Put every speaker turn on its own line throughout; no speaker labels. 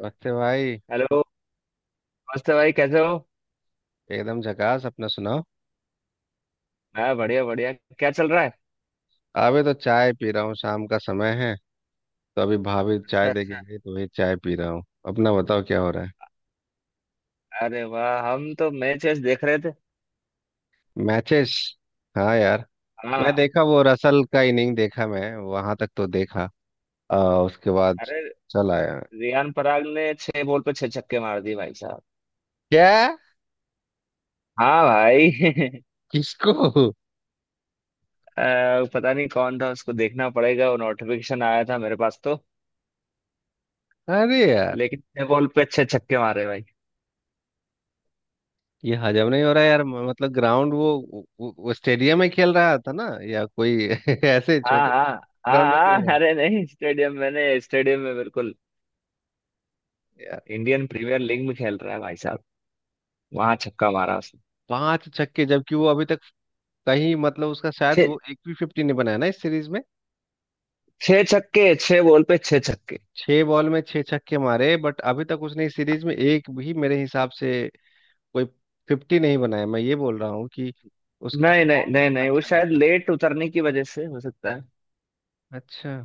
नमस्ते भाई।
हेलो। नमस्ते भाई, कैसे हो?
एकदम झकास, अपना सुनाओ।
मैं बढ़िया बढ़िया। क्या चल रहा है?
अभी तो चाय पी रहा हूँ, शाम का समय है। तो अभी भाभी चाय दे
अच्छा।
के गई तो वही चाय पी रहा हूँ। अपना बताओ क्या हो रहा है।
अच्छा, अरे वाह, हम तो मैच वैच देख रहे थे।
मैचेस। हाँ यार।
हाँ।
मैं देखा वो रसल का इनिंग देखा, मैं वहां तक तो देखा। आ, उसके बाद
अरे,
चल आया।
रियान पराग ने छह बॉल पे छह छक्के मार दिए भाई साहब।
क्या।
हाँ भाई।
किसको।
पता नहीं कौन था, उसको देखना पड़ेगा। वो नोटिफिकेशन आया था मेरे पास तो।
अरे यार,
लेकिन छह बॉल पे छह छक्के मारे भाई।
ये हजम नहीं हो रहा यार, मतलब ग्राउंड, वो स्टेडियम में खेल रहा था ना। या कोई ऐसे
हाँ
छोटे
हाँ।
ग्राउंड में
हाँ
खेल
हाँ,
रहा
अरे नहीं, स्टेडियम, मैंने स्टेडियम में बिल्कुल।
है यार।
इंडियन प्रीमियर लीग में खेल रहा है भाई साहब। वहां छक्का मारा उसने।
5 छक्के, जबकि वो अभी तक कहीं, मतलब उसका शायद
छह।
वो एक भी फिफ्टी नहीं बनाया ना इस सीरीज में।
छह छक्के, छह बॉल पे छह छक्के।
6 बॉल में 6 छक्के मारे, बट अभी तक उसने इस सीरीज में एक भी मेरे हिसाब से कोई फिफ्टी नहीं बनाया। मैं ये बोल रहा हूँ कि उसका
नहीं नहीं
फॉर्म भी
नहीं
उतना
नहीं, वो
अच्छा नहीं
शायद
था।
लेट उतरने की वजह से हो सकता है।
अच्छा।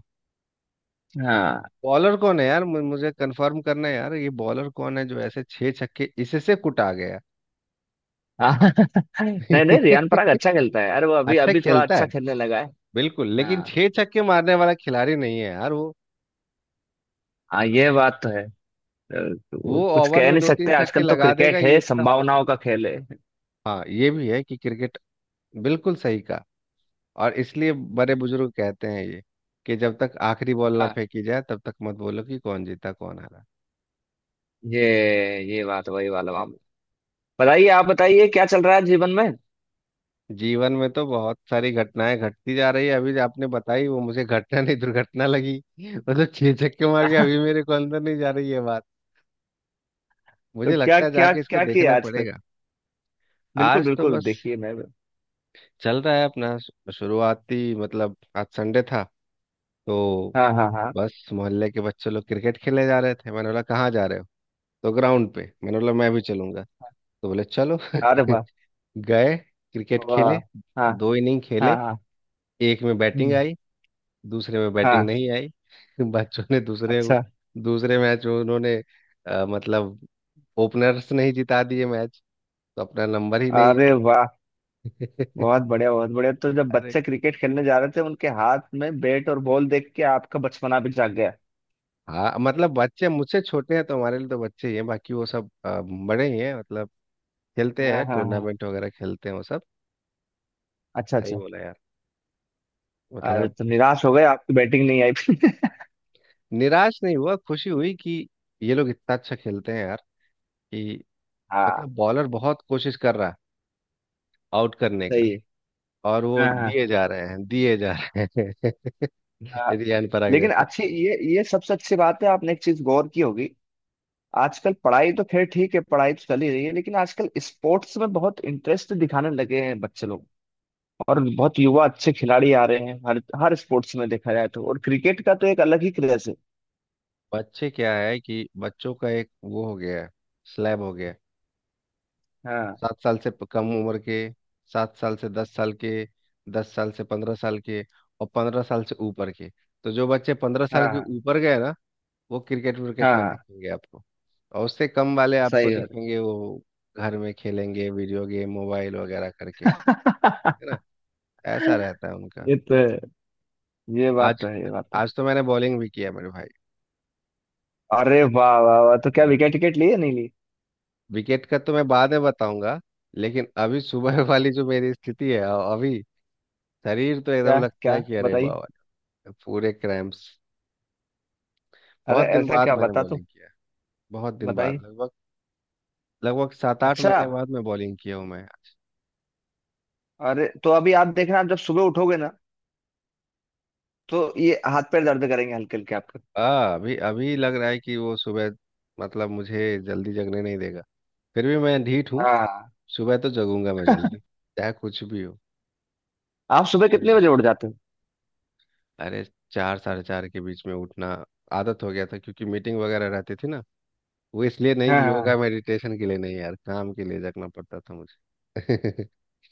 हाँ।
बॉलर कौन है यार, मुझे कंफर्म करना है यार, ये बॉलर कौन है जो ऐसे 6 छक्के इसे से कुटा गया।
हाँ। नहीं नहीं, रियान पराग अच्छा खेलता है यार। वो अभी
अच्छा
अभी थोड़ा
खेलता
अच्छा
है
खेलने लगा है।
बिल्कुल, लेकिन
हाँ।
6 छक्के मारने वाला खिलाड़ी नहीं है यार वो।
हाँ ये बात तो है। अ,
वो
वो कुछ
ओवर
कह
में
नहीं
दो तीन
सकते,
छक्के
आजकल तो
लगा देगा,
क्रिकेट
ये
है,
इतना हो
संभावनाओं
सकता।
का खेल है।
हाँ ये भी है कि क्रिकेट, बिल्कुल सही कहा। और इसलिए बड़े बुजुर्ग कहते हैं ये, कि जब तक आखिरी बॉल ना
हाँ।
फेंकी जाए तब तक मत बोलो कि कौन जीता कौन हारा।
ये ये बात वही वाला मामला। बताइए, आप बताइए क्या चल रहा है जीवन में।
जीवन में तो बहुत सारी घटनाएं घटती जा रही है। अभी जो आपने बताई वो मुझे घटना नहीं दुर्घटना लगी वो तो 6 छक्के मार के अभी मेरे को अंदर नहीं जा रही है बात।
तो
मुझे
क्या
लगता है
क्या
जाके इसको
क्या किया
देखना
आज फिर?
पड़ेगा।
बिल्कुल
आज तो
बिल्कुल,
बस
देखिए मैं।
चल रहा है अपना, शुरुआती, मतलब आज संडे था। तो
हाँ हाँ हाँ।
बस मोहल्ले के बच्चे लोग क्रिकेट खेलने जा रहे थे। मैंने बोला कहाँ जा रहे हो। तो ग्राउंड पे। मैंने बोला मैं भी चलूंगा। तो बोले चलो
अरे वाह
गए, क्रिकेट
वाह।
खेले,
हाँ
2 इनिंग
हाँ
खेले।
हाँ।
एक में बैटिंग
हम्म।
आई, दूसरे में
हाँ।
बैटिंग नहीं आई बच्चों ने दूसरे
अच्छा।
दूसरे मैच में उन्होंने मतलब ओपनर्स नहीं जिता दिए मैच। तो अपना नंबर ही नहीं
अरे वाह,
है
बहुत बढ़िया बहुत बढ़िया। तो जब
अरे
बच्चे क्रिकेट खेलने जा रहे थे उनके हाथ में बैट और बॉल देख के आपका बचपना भी जाग गया।
हाँ, मतलब बच्चे मुझसे छोटे हैं तो हमारे लिए तो बच्चे ही हैं, बाकी वो सब बड़े ही हैं। मतलब खेलते
हाँ
हैं,
हाँ हाँ।
टूर्नामेंट वगैरह खेलते हैं वो सब।
अच्छा
सही
अच्छा।
बोला यार।
अरे,
मतलब
तो निराश हो गए, आपकी बैटिंग नहीं आई फिर?
निराश नहीं हुआ, खुशी हुई कि ये लोग इतना अच्छा खेलते हैं यार कि,
हाँ।
मतलब बॉलर बहुत कोशिश कर रहा है आउट करने
सही
का,
है।
और वो
हाँ हाँ।
दिए जा रहे हैं, दिए जा रहे हैं
हाँ।
रियान पराग
लेकिन
जैसे।
अच्छी ये सबसे अच्छी बात है, आपने एक चीज गौर की होगी। आजकल पढ़ाई तो खैर ठीक है, पढ़ाई तो चल ही रही है, लेकिन आजकल स्पोर्ट्स में बहुत इंटरेस्ट दिखाने लगे हैं बच्चे लोग। और बहुत युवा अच्छे खिलाड़ी आ रहे हैं, हर हर स्पोर्ट्स में देखा जाए तो, और क्रिकेट का तो एक अलग ही क्रेज है।
बच्चे क्या है कि बच्चों का एक वो हो गया है, स्लैब हो गया है।
हाँ
सात साल से कम उम्र के, 7 साल से दस साल के, 10 साल से 15 साल के, और 15 साल से ऊपर के। तो जो बच्चे 15 साल के
हाँ।
ऊपर गए ना, वो क्रिकेट विकेट
हाँ
में
हाँ।
दिखेंगे आपको। और उससे कम वाले आपको
सही बात।
दिखेंगे वो घर में खेलेंगे वीडियो गेम मोबाइल वगैरह करके। है ना, ऐसा रहता है उनका।
ये तो है। ये बात तो है। ये बात तो
आज तो मैंने बॉलिंग भी किया मेरे भाई।
है। अरे वाह वाह वाह, तो क्या
बॉलिंग
विकेट टिकट ली या नहीं ली?
विकेट का तो मैं बाद में बताऊंगा, लेकिन अभी सुबह
हाँ।
वाली जो मेरी स्थिति है, अभी शरीर तो एकदम
क्या
लगता
क्या
है कि अरे
बताइए?
बाबा, पूरे क्रैम्प्स।
अरे
बहुत दिन
ऐसा
बाद
क्या
मैंने
बता तो।
बॉलिंग किया। बहुत दिन
बताइए।
बाद, लगभग लगभग सात आठ
अच्छा।
महीने बाद मैं बॉलिंग किया हूँ मैं।
अरे, तो अभी आप देखना, आप जब सुबह उठोगे ना, तो ये हाथ पैर दर्द करेंगे, हल्के हल्के आपके।
आ अभी अभी लग रहा है कि वो सुबह, मतलब मुझे जल्दी जगने नहीं देगा। फिर भी मैं ढीठ हूँ,
हाँ।
सुबह तो जगूंगा मैं जल्दी चाहे कुछ भी
आप सुबह
हो।
कितने बजे उठ जाते हो?
अरे 4 साढ़े 4 के बीच में उठना आदत हो गया था क्योंकि मीटिंग वगैरह रहती थी ना। वो इसलिए नहीं
हाँ
कि
हाँ।
योगा मेडिटेशन के लिए, नहीं यार, काम के लिए जगना पड़ता था मुझे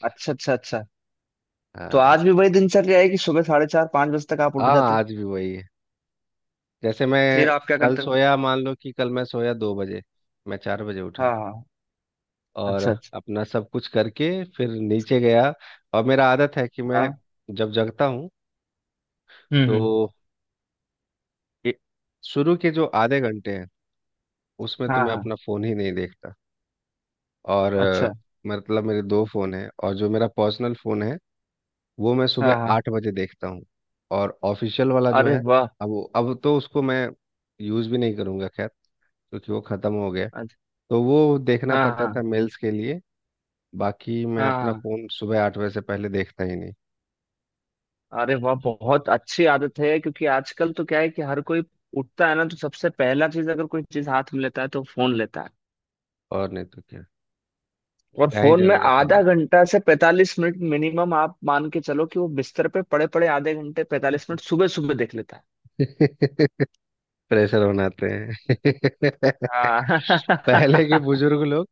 अच्छा अच्छा अच्छा। तो
हाँ।
आज भी वही दिनचर्या है कि सुबह साढ़े चार पाँच बजे तक आप उठ
हाँ,
जाते हो?
आज भी वही है। जैसे मैं
फिर आप क्या
कल
करते हो?
सोया, मान लो कि कल मैं सोया 2 बजे, मैं 4 बजे
हाँ
उठा।
हाँ।
और
अच्छा अच्छा।
अपना सब कुछ करके फिर नीचे गया। और मेरा आदत है कि मैं
हाँ।
जब जगता हूँ
हम्म।
तो ए- शुरू के जो आधे घंटे हैं उसमें तो
हाँ
मैं
हाँ।
अपना फोन ही नहीं। और
अच्छा।
मतलब मेरे दो फ़ोन हैं, और जो मेरा पर्सनल फ़ोन है वो मैं
हाँ
सुबह
हाँ।
8 बजे देखता हूँ। और ऑफिशियल वाला जो
अरे
है,
वाह।
अब तो उसको मैं यूज़ भी नहीं करूँगा खैर, क्योंकि वो ख़त्म हो गया। तो वो देखना
हाँ
पड़ता
हाँ
था मेल्स के लिए। बाकी मैं अपना
हाँ।
फ़ोन सुबह 8 बजे से पहले देखता ही नहीं।
अरे वाह, बहुत अच्छी आदत है, क्योंकि आजकल तो क्या है कि हर कोई उठता है ना, तो सबसे पहला चीज अगर कोई चीज हाथ में लेता है तो फोन लेता है।
और नहीं तो क्या,
और
क्या ही
फोन में
ज़रूरत है
आधा
यार
घंटा से 45 मिनट मिनिमम, आप मान के चलो कि वो बिस्तर पे पड़े पड़े आधे घंटे 45 मिनट सुबह सुबह देख लेता है।
प्रेशर बनाते हैं पहले के
हाँ।
बुजुर्ग लोग,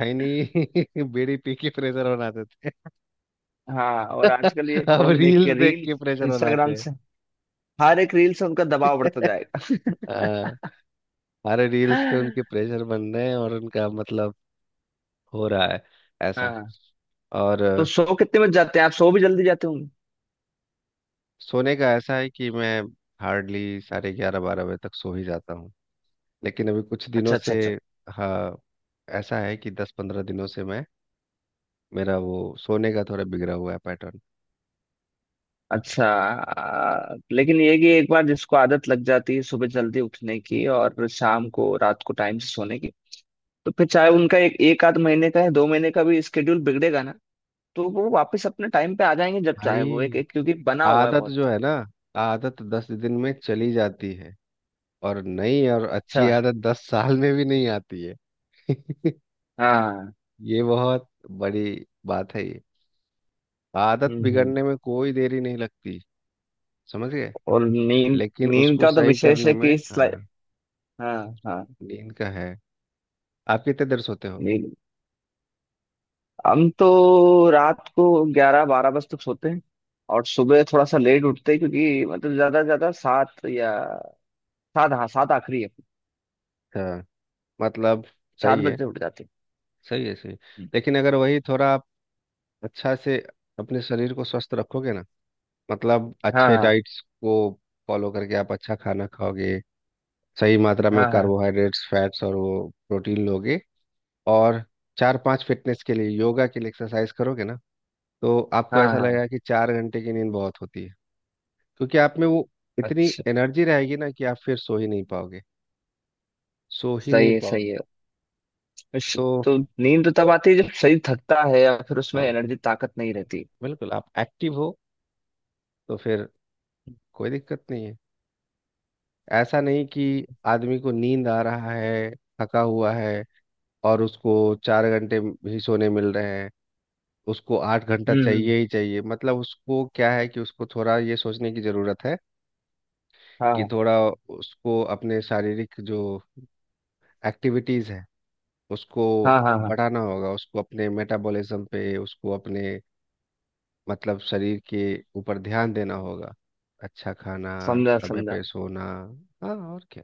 है नहीं बीड़ी पी के प्रेशर बनाते थे
हाँ, और आजकल ये
अब
फोन देख
रील्स
के
देख
रील।
के प्रेशर बनाते
इंस्टाग्राम
हैं
से। हर एक रील से उनका दबाव बढ़ता जाएगा।
हाँ, अरे रील्स पे उनके प्रेशर बन रहे हैं, और उनका मतलब हो रहा है ऐसा।
हाँ।
और
तो सो कितने बज जाते हैं? आप सो भी जल्दी जाते होंगे?
सोने का ऐसा है कि मैं हार्डली साढ़े 11 12 बजे तक सो ही जाता हूँ। लेकिन अभी कुछ दिनों
अच्छा अच्छा
से,
अच्छा।
हाँ, ऐसा है कि 10-15 दिनों से मैं, मेरा वो सोने का थोड़ा बिगड़ा हुआ है पैटर्न,
अच्छा,
ऐसा है।
लेकिन ये कि एक बार जिसको आदत लग जाती है सुबह जल्दी उठने की और शाम को रात को टाइम से सोने की, तो फिर चाहे उनका एक एक आध महीने का है, दो महीने का भी स्केड्यूल बिगड़ेगा ना। तो वो वापस अपने टाइम पे आ जाएंगे जब चाहे वो
भाई
एक, एक, क्योंकि बना हुआ है
आदत
बहुत।
जो है ना, आदत 10 दिन में चली जाती है, और नई और अच्छी
अच्छा।
आदत 10 साल में भी नहीं आती है
हाँ।
ये बहुत बड़ी बात है ये। आदत
हम्म हम्म।
बिगड़ने में कोई देरी नहीं लगती, समझ गए।
और नींद।
लेकिन
नींद
उसको
का तो
सही
विशेष
करने
है
में,
कि
हाँ।
हाँ। हाँ।
नींद का है, आप कितने देर सोते हो।
नींद। हम तो रात को ग्यारह बारह बजे तक सोते हैं। और सुबह थोड़ा सा लेट उठते हैं, क्योंकि मतलब ज्यादा से ज्यादा सात, या सात, हाँ सात आखिरी है।
अच्छा, मतलब
सात
सही है,
बजते उठ जाते।
सही है, सही है।
हम्म।
लेकिन अगर वही थोड़ा आप अच्छा से अपने शरीर को स्वस्थ रखोगे ना, मतलब
हाँ
अच्छे
हाँ
डाइट्स को फॉलो करके आप अच्छा खाना खाओगे, सही मात्रा में
हाँ हाँ
कार्बोहाइड्रेट्स फैट्स और वो प्रोटीन लोगे, और चार पांच फिटनेस के लिए योगा के लिए एक्सरसाइज करोगे ना, तो आपको
हाँ
ऐसा
हाँ।
लगेगा कि 4 घंटे की नींद बहुत होती है। क्योंकि आप में वो इतनी
अच्छा।
एनर्जी रहेगी ना कि आप फिर सो ही नहीं पाओगे सो ही नहीं
सही है सही
पाओगे
है।
तो
तो नींद तब आती है जब शरीर थकता है या फिर उसमें
हाँ,
एनर्जी ताकत नहीं रहती।
बिल्कुल, आप एक्टिव हो तो फिर कोई दिक्कत नहीं है। ऐसा नहीं कि आदमी को नींद आ रहा है, थका हुआ है, और उसको 4 घंटे ही सोने मिल रहे हैं। उसको 8 घंटा
हम्म।
चाहिए ही चाहिए, मतलब उसको क्या है कि उसको थोड़ा ये सोचने की जरूरत है कि
हाँ
थोड़ा उसको अपने शारीरिक जो एक्टिविटीज है उसको
हाँ हाँ हाँ।
बढ़ाना होगा। उसको अपने मेटाबॉलिज्म पे, उसको अपने मतलब शरीर के ऊपर ध्यान देना होगा। अच्छा खाना,
समझा
समय
समझा।
पे सोना, हाँ और क्या।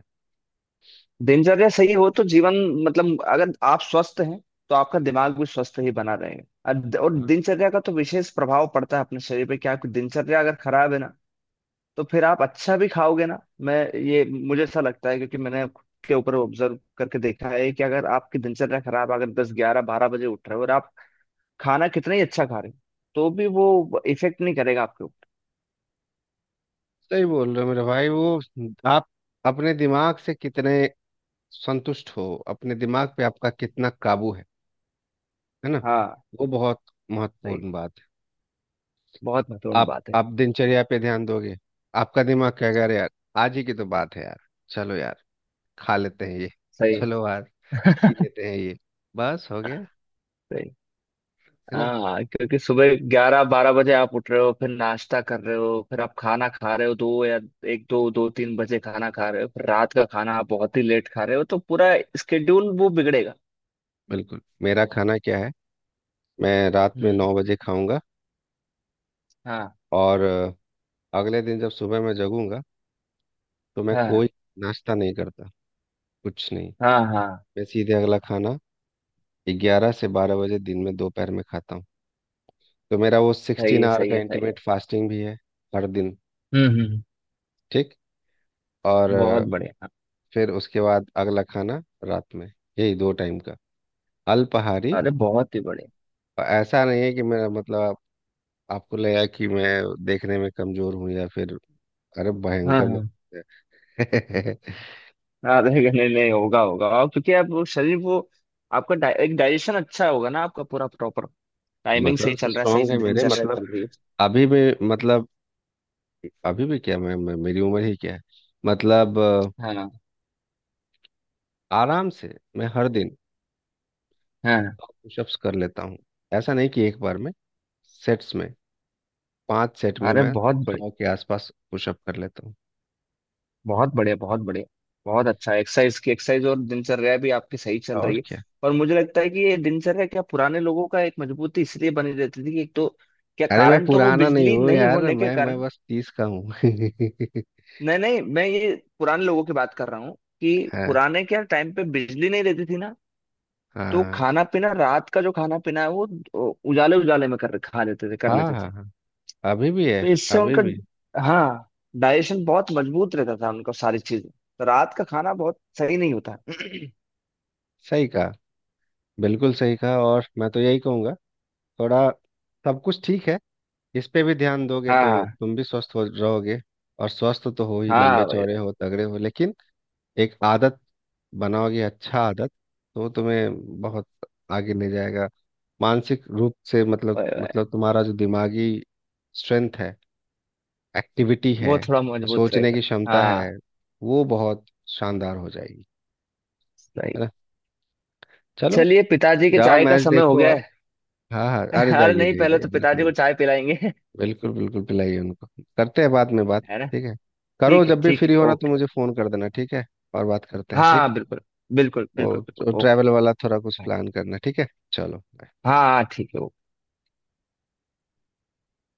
दिनचर्या सही हो तो जीवन, मतलब अगर आप स्वस्थ हैं, तो आपका दिमाग भी स्वस्थ ही बना रहेगा, और
हाँ
दिनचर्या का तो विशेष प्रभाव पड़ता है अपने शरीर पे। क्या आपकी दिनचर्या अगर खराब है ना, तो फिर आप अच्छा भी खाओगे ना। मैं, ये मुझे ऐसा लगता है, क्योंकि मैंने खुद के ऊपर ऑब्जर्व करके देखा है कि अगर आपकी दिनचर्या खराब, अगर दस ग्यारह बारह बजे उठ रहे हो और आप खाना कितना ही अच्छा खा रहे हो, तो भी वो इफेक्ट नहीं करेगा आपके ऊपर।
सही बोल रहे हो मेरे भाई, वो आप अपने दिमाग से कितने संतुष्ट हो, अपने दिमाग पे आपका कितना काबू है ना।
हाँ।
वो बहुत
सही।
महत्वपूर्ण बात है।
बहुत महत्वपूर्ण
आप
बात है।
आप दिनचर्या पे ध्यान दोगे, आपका दिमाग क्या कर यार, आज ही की तो बात है यार। चलो यार खा लेते हैं ये,
सही।
चलो यार पी लेते हैं ये, बस हो गया।
सही।
है ना।
हाँ, क्योंकि सुबह ग्यारह बारह बजे आप उठ रहे हो, फिर नाश्ता कर रहे हो, फिर आप खाना खा रहे हो दो, या एक दो दो तीन बजे खाना खा रहे हो, फिर रात का खाना आप बहुत ही लेट खा रहे हो, तो पूरा स्केड्यूल वो बिगड़ेगा।
बिल्कुल, मेरा खाना क्या है, मैं रात में
हम्म।
9 बजे खाऊंगा,
हाँ
और अगले दिन जब सुबह मैं जगूंगा तो मैं
हाँ
कोई नाश्ता नहीं करता, कुछ नहीं।
हाँ हाँ।
मैं सीधे अगला खाना 11 से 12 बजे दिन में दोपहर में खाता हूँ। तो मेरा वो
सही
सिक्सटीन
है
आवर
सही
का
है सही है।
इंटीमेट फास्टिंग भी है हर दिन।
हम्म।
ठीक, और
बहुत बढ़िया।
फिर उसके बाद अगला खाना रात में। यही दो टाइम का अल्पाहारी।
अरे बहुत ही बढ़िया।
और ऐसा नहीं है कि मेरा मतलब आपको लगा कि मैं देखने में कमजोर हूँ या फिर, अरे
हाँ
भयंकर
हाँ,
मत
आधे घंटे नहीं होगा होगा, और क्योंकि आप वो शरीर वो आपका एक डाइजेशन अच्छा होगा ना, आपका पूरा प्रॉपर टाइमिंग सही
मसल्स
चल रहा है, सही
स्ट्रांग
से
है मेरे,
दिनचर्या
मतलब
चल रही है।
अभी भी, मतलब अभी भी क्या मैं मेरी उम्र ही क्या है, मतलब
हाँ
आराम से मैं हर दिन
हाँ।
पुशअप्स कर लेता हूँ। ऐसा नहीं कि एक बार में, सेट्स में, 5 सेट में
अरे
मैं
बहुत
100
बढ़िया
के आसपास पुशअप कर लेता हूँ।
बहुत बढ़िया बहुत बढ़िया। बहुत अच्छा एक्सरसाइज। की एक्सरसाइज और दिनचर्या भी आपकी सही चल रही
और
है।
क्या।
और मुझे लगता है कि ये दिनचर्या क्या पुराने लोगों का एक मजबूती इसलिए बनी रहती थी कि एक तो क्या
अरे मैं
कारण, तो वो
पुराना नहीं
बिजली
हूँ
नहीं
यार,
होने के
मैं
कारण।
बस 30 का हूँ
नहीं नहीं, मैं ये पुराने लोगों की बात कर रहा हूँ कि
हाँ
पुराने क्या टाइम पे बिजली नहीं रहती थी ना। तो
हाँ
खाना पीना, रात का जो खाना पीना है वो उजाले उजाले में कर, खा लेते थे, कर
हाँ
लेते
हाँ
थे।
हाँ, अभी भी
तो
है,
इससे
अभी
उनका,
भी।
हाँ, डाइजेशन बहुत मजबूत रहता था उनका, सारी चीजें, तो रात का खाना बहुत सही नहीं होता।
सही कहा, बिल्कुल सही कहा। और मैं तो यही कहूँगा थोड़ा, सब कुछ ठीक है, इस पे भी ध्यान दोगे
हाँ
तो
हाँ
तुम भी स्वस्थ हो रहोगे। और स्वस्थ तो हो ही,
हाँ।
लंबे
वही
चौड़े
वही।
हो, तगड़े हो, लेकिन एक आदत बनाओगे अच्छा आदत, तो वो तुम्हें बहुत आगे ले जाएगा। मानसिक रूप से, मतलब
वही वही।
मतलब तुम्हारा जो दिमागी स्ट्रेंथ है, एक्टिविटी है,
वो थोड़ा मजबूत
सोचने
रहेगा।
की क्षमता है,
हाँ।
वो बहुत शानदार हो जाएगी।
सही।
है ना। चलो,
चलिए पिताजी के
जाओ
चाय का
मैच
समय हो
देखो
गया
और,
है।
हाँ हाँ अरे
अरे
जाइए
नहीं,
जाइए
पहले
जाइए।
तो पिताजी
बिल्कुल
को चाय पिलाएंगे।
बिल्कुल बिल्कुल बिल्कुल पिलाइए उनको। करते हैं बाद में बात।
है ना?
ठीक है, करो
ठीक है।
जब भी
ठीक
फ्री
है
हो ना तो
ओके।
मुझे फ़ोन कर देना ठीक है। और बात करते हैं ठीक।
हाँ बिल्कुल। बिल्कुल बिल्कुल
और
बिल्कुल ओके।
ट्रैवल वाला थोड़ा कुछ
हाँ,
प्लान करना ठीक है। चलो।
हाँ, ठीक है ओके।